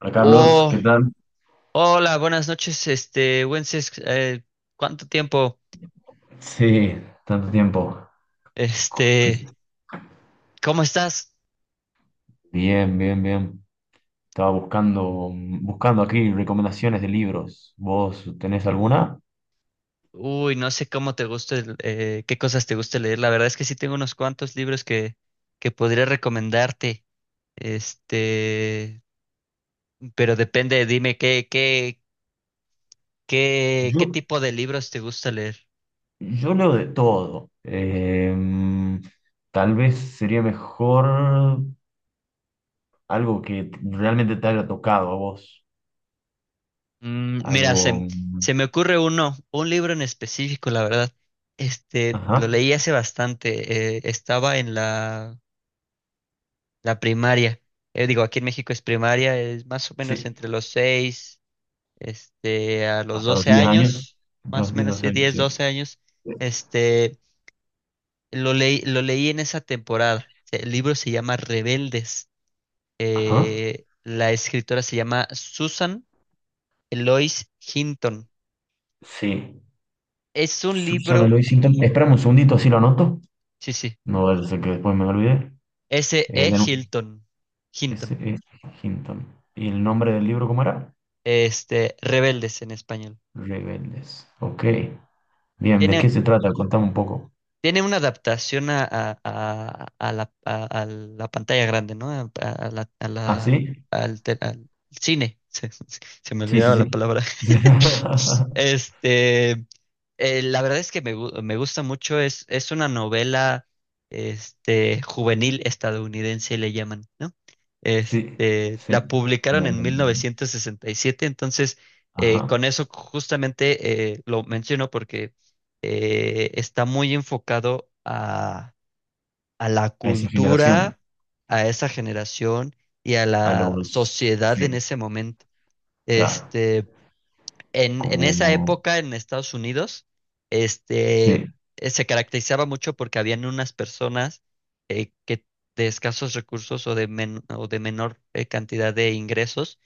Hola Carlos, ¿qué Oh, tal? hola, buenas noches, Wences, ¿cuánto tiempo? Sí, tanto tiempo. ¿Qué- Este, ¿Cómo estás? Bien, bien, bien. Estaba buscando aquí recomendaciones de libros. ¿Vos tenés alguna? Uy, no sé cómo te gusta, qué cosas te gusta leer. La verdad es que sí tengo unos cuantos libros que podría recomendarte. Este, pero depende, dime qué Yo, tipo de libros te gusta leer. yo leo de todo. Tal vez sería mejor algo que realmente te haya tocado a vos. Mira, Algo. Se me ocurre uno, un libro en específico, la verdad. Lo Ajá, leí hace bastante. Estaba en la primaria. Digo, aquí en México es primaria, es más o menos sí. entre los 6, a los Hasta los doce 10 años. años, más Los o diez menos 12 sí, años, 10 sí. 12 años. Este, lo leí en esa temporada. El libro se llama Rebeldes. Ajá, La escritora se llama Susan Eloise Hinton. sí. Es un Susana libro, Loisington. Esperame un segundito, así lo anoto. sí, sí, No, vaya a ese que después me olvidé. S De E nuevo, Hilton, Hinton. S.E. Hinton. ¿Y el nombre del libro cómo era? Rebeldes en español. Rebeldes. Ok. Bien, ¿de qué Tiene, se trata? Contame un poco. Tiene una adaptación a la pantalla grande, ¿no? A ¿Ah, la- sí? al, te- Al cine. Se me Sí, sí, olvidaba sí. la palabra. Sí, Este. La verdad es que me gusta mucho, es una novela, juvenil estadounidense, le llaman, ¿no? sí. Sí. La publicaron Como- en 1967, entonces Ajá. Con eso justamente lo menciono porque está muy enfocado a la A esa generación. cultura, a esa generación y a A la los... sociedad Sí, en ese momento. claro. Este, en esa Como... época en Estados Unidos, este, Sí. Se caracterizaba mucho porque habían unas personas que de escasos recursos o de menor cantidad de ingresos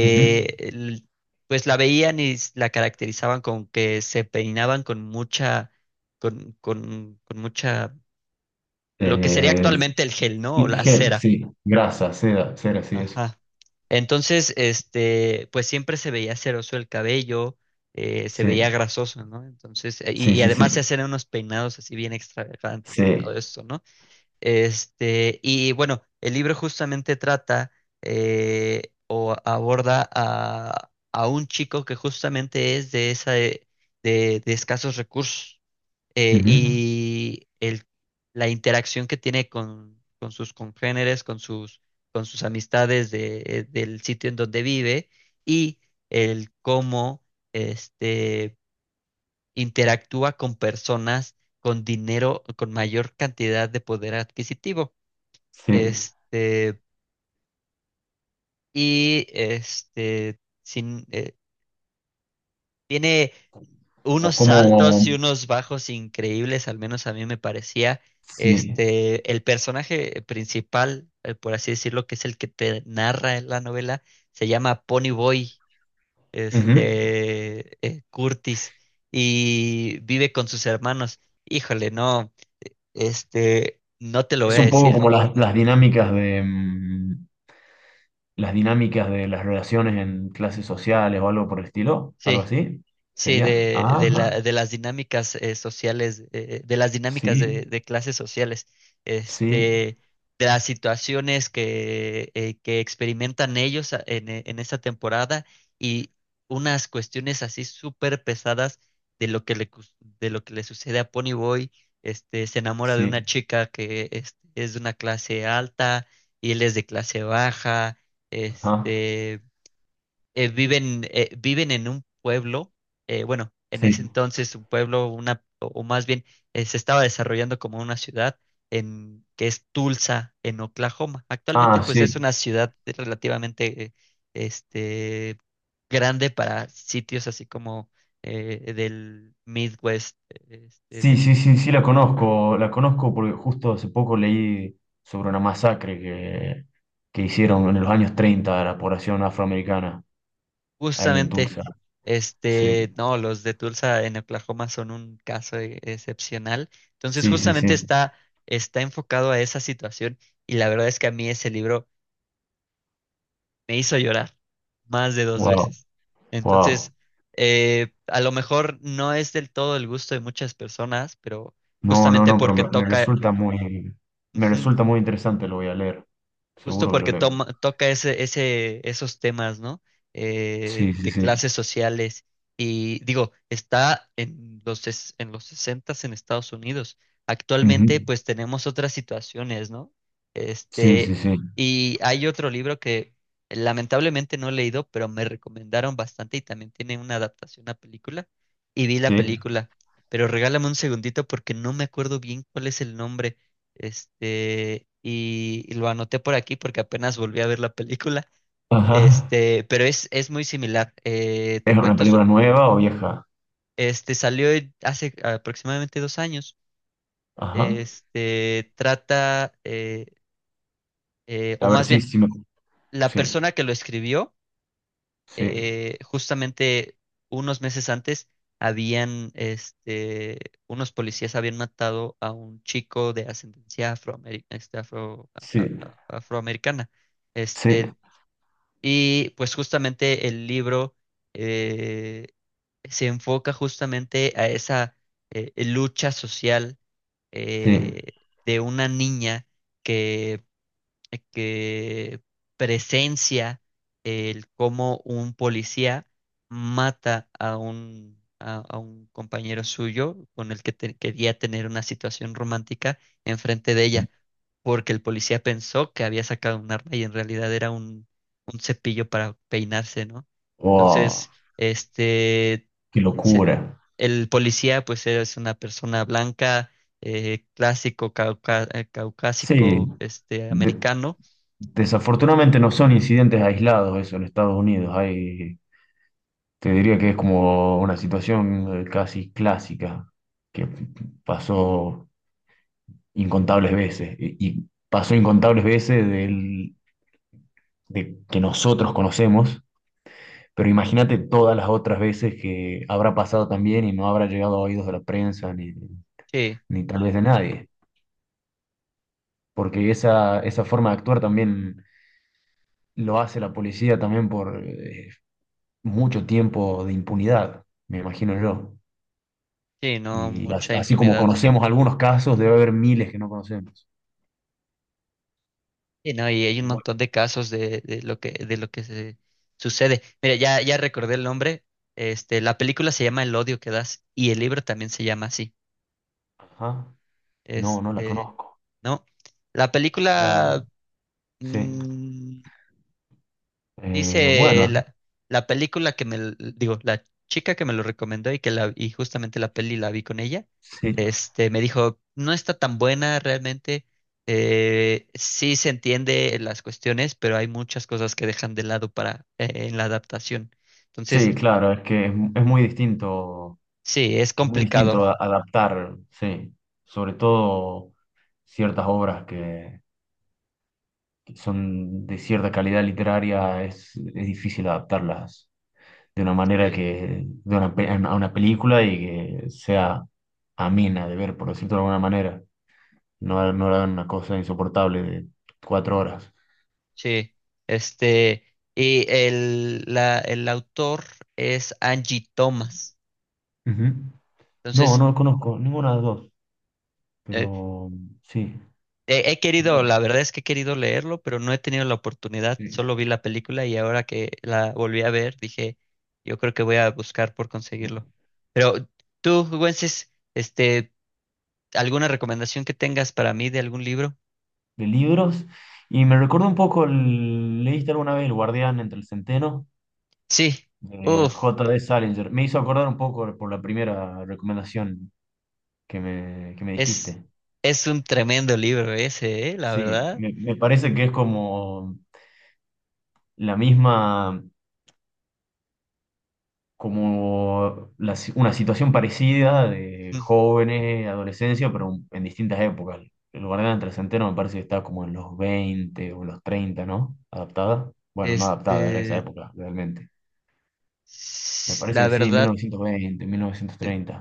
Ujú. el- pues la veían y la caracterizaban con que se peinaban con mucha, con mucha, lo que sería Eh, actualmente el gel, ¿no? O Sí, la gel, cera. sí, grasa, seda, cera, sí, eso. Ajá. Entonces, pues siempre se veía ceroso el cabello, se Sí, veía grasoso, ¿no? Entonces, sí, y sí, sí, además se hacían unos peinados así bien extravagantes y todo sí. esto, ¿no? Y bueno, el libro justamente trata, o aborda a un chico que justamente es de esa, de escasos recursos eh, Ujú. y el, la interacción que tiene con sus congéneres, con sus amistades del sitio en donde vive y el cómo este, interactúa con personas con dinero, con mayor cantidad de poder adquisitivo. Sí, Este, y este, sin, Tiene unos como, como, saltos y unos bajos increíbles, al menos a mí me parecía. sí. El personaje principal, por así decirlo, que es el que te narra en la novela, se llama Pony Boy, Ujú. Curtis, y vive con sus hermanos. Híjole, no, no te lo voy Es a un poco decir. como las dinámicas de las dinámicas de las relaciones en clases sociales o algo por el estilo, algo Sí. así, Sí, sería. Ajá, de las dinámicas, sociales, sí, de clases sociales, sí, este, de las situaciones que experimentan ellos en esta temporada y unas cuestiones así súper pesadas de lo de lo que le sucede a Ponyboy. Se enamora de una sí, chica que es de una clase alta y él es de clase baja. ajá, Este, Viven en un pueblo, bueno, en ese sí. entonces un pueblo, una, o más bien se estaba desarrollando como una ciudad, que es Tulsa, en Oklahoma. Actualmente Ah, pues es sí. una ciudad relativamente, este, grande para sitios así como del Midwest, este, Sí, sí, del sí, sí la conozco porque justo hace poco leí sobre una masacre que hicieron en los años 30 a la población afroamericana ahí en Justamente, Tulsa. Sí, no, los de Tulsa en Oklahoma son un caso excepcional. Entonces, sí, sí, justamente sí. Está enfocado a esa situación y la verdad es que a mí ese libro me hizo llorar más de dos Wow. veces. Wow. Entonces, a lo mejor no es del todo el gusto de muchas personas, pero No, no, justamente no, pero porque me toca, resulta muy, me resulta muy interesante, lo voy a leer. Justo Seguro que lo porque leo. toma, toca esos temas, ¿no? Sí, sí, De sí. clases sociales. Y digo, está en los 60 en Estados Unidos. Actualmente, Ujú. pues tenemos otras situaciones, ¿no? Sí, sí, Este, sí. y hay otro libro que lamentablemente no he leído, pero me recomendaron bastante y también tiene una adaptación a película. Y vi la Sí. película, pero regálame un segundito porque no me acuerdo bien cuál es el nombre. Y lo anoté por aquí porque apenas volví a ver la película. Ajá. Es muy similar. Te ¿Es una cuento su, película nueva o vieja? este, Salió hace aproximadamente 2 años. Ajá. Este, trata, o A ver, más sí, bien, sí me. La Sí, persona que lo escribió, sí, justamente unos meses antes, habían, este, unos policías habían matado a un chico de ascendencia a- sí, a- afroamericana. sí, Este, Y pues justamente el libro eh, se enfoca justamente a esa lucha social, sí. eh, de una niña que que presencia el cómo un policía mata a a un compañero suyo con el que quería tener una situación romántica enfrente de ella, porque el policía pensó que había sacado un arma y en realidad era un cepillo para peinarse, ¿no? Wow, Entonces, este, qué se- locura. el policía pues es una persona blanca, clásico, Sí. caucásico, De- americano. desafortunadamente no son incidentes aislados eso en Estados Unidos. Hay, te diría que es como una situación casi clásica que pasó incontables veces y pasó incontables veces del- de que nosotros conocemos, pero imagínate todas las otras veces que habrá pasado también y no habrá llegado a oídos de la prensa ni, Sí, ni tal vez de nadie, porque esa forma de actuar también lo hace la policía también por mucho tiempo de impunidad, me imagino yo. sí, no, Y as- mucha así como impunidad. conocemos algunos casos, debe haber miles que no conocemos. Sí, no, y hay un Y bueno, montón de casos de lo que se sucede. Mira, ya recordé el nombre. La película se llama El odio que das y el libro también se llama así. ajá, no, no la Este, conozco. ¿No? La Claro. película, Sí. mm, dice Bueno, la película que me, digo, la chica que me lo recomendó y justamente la peli la vi con ella, sí. Me dijo, no está tan buena realmente, sí se entiende las cuestiones, pero hay muchas cosas que dejan de lado para, en la adaptación. Entonces, Sí, claro, es que es muy distinto, sí, es es muy complicado. distinto a- adaptar, sí. Sobre todo ciertas obras que son de cierta calidad literaria, es difícil adaptarlas de una manera Sí. que, de una, pe- a una película y que sea amena de ver, por decirlo de alguna manera. No, no era una cosa insoportable de 4 horas. Sí, este, el autor es Angie Thomas. Ujú. No, Entonces, no conozco ninguna de las dos, eh, pero sí. He querido, Bueno, la verdad es que he querido leerlo, pero no he tenido la oportunidad. sí. Solo vi la película y ahora que la volví a ver, dije, yo creo que voy a buscar por De, conseguirlo. Pero tú, Güences, ¿alguna recomendación que tengas para mí de algún libro? de libros. Y me recuerda un poco, el- ¿leíste alguna vez El Guardián entre el Centeno? Sí, De uff, J. D. Salinger. Me hizo acordar un poco por la primera recomendación que me es, dijiste. es un tremendo libro ese, ¿eh? La Sí, verdad. me parece que es como la misma. Como la si- una situación parecida de Mm. jóvenes, adolescencia, pero en distintas épocas. El guardián del centeno me parece que está como en los 20 o los 30, ¿no? Adaptada. Bueno, no adaptada, era esa Este, época, realmente. Me parece la que sí, mil verdad, novecientos veinte 1930.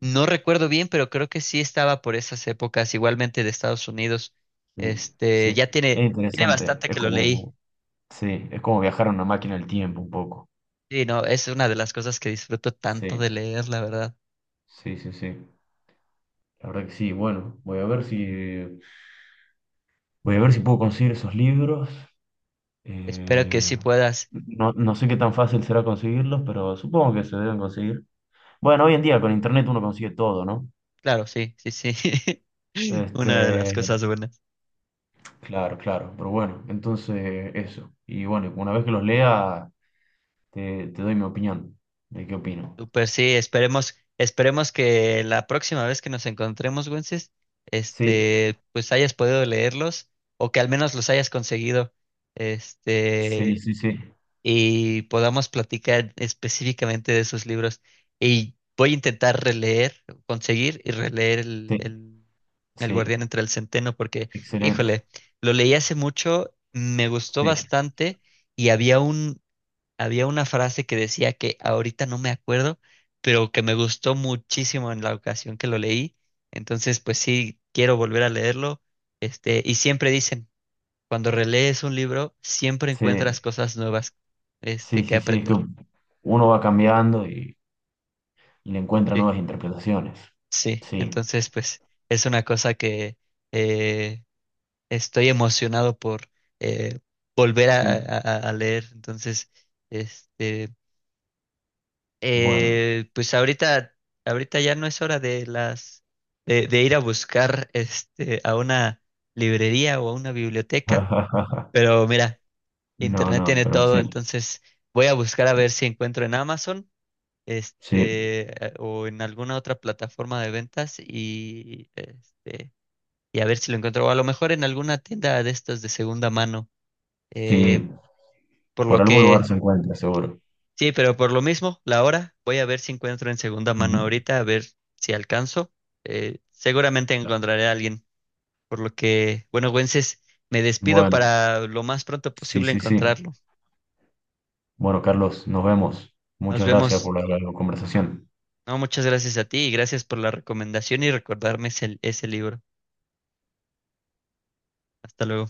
no recuerdo bien, pero creo que sí estaba por esas épocas, igualmente de Estados Unidos. Sí, sí. Ya Es tiene interesante. bastante Es que lo leí. como, sí, es como viajar a una máquina del tiempo un poco. Sí, no, es una de las cosas que disfruto tanto Sí, de leer, la verdad. sí, sí, sí. La verdad que sí. Bueno, voy a ver si, voy a ver si puedo conseguir esos libros. Espero que Eh, sí puedas. no, no sé qué tan fácil será conseguirlos, pero supongo que se deben conseguir. Bueno, hoy en día con internet uno consigue todo, ¿no? Claro, sí, sí, sí. Este, Una de las cosas buenas. claro, claro, pero bueno, entonces eso. Y bueno, una vez que los lea, te doy mi opinión de qué opino. Super, sí, esperemos que la próxima vez que nos encontremos, Wences, Sí, pues hayas podido leerlos o que al menos los hayas conseguido. sí, Este, sí, sí, y podamos platicar específicamente de esos libros. Y voy a intentar releer, conseguir y releer sí, el Guardián sí, entre el Centeno, porque, excelente. híjole, lo leí hace mucho, me gustó Sí, bastante y había una frase que decía que ahorita no me acuerdo, pero que me gustó muchísimo en la ocasión que lo leí. Entonces, pues sí, quiero volver a leerlo. Y siempre dicen, cuando relees un libro, siempre sí, encuentras cosas nuevas, sí, que sí, sí, es que aprender. uno va cambiando y le encuentra Sí. nuevas interpretaciones. Sí, Sí, entonces, pues, es una cosa que eh, estoy emocionado por eh, volver sí, a leer. Entonces, este, bueno. Pues ahorita ya no es hora de las, de ir a buscar, a una librería o a una biblioteca. Pero mira, No, internet no, tiene pero todo, sí, entonces voy a buscar a ver si encuentro en Amazon, sí, este, o en alguna otra plataforma de ventas y a ver si lo encuentro, o a lo mejor en alguna tienda de estas de segunda mano. eh, sí, por por lo algún que, lugar se encuentra, seguro. sí, pero por lo mismo, la hora, voy a ver si encuentro en segunda mano Ujú. ahorita, a ver si alcanzo. Seguramente Claro. encontraré a alguien, por lo que, bueno, Güences, me despido Bueno, para lo más pronto sí, posible sí, sí. encontrarlo. Bueno, Carlos, nos vemos. Nos Muchas gracias vemos. por la conversación. No, muchas gracias a ti y gracias por la recomendación y recordarme ese libro. Hasta luego.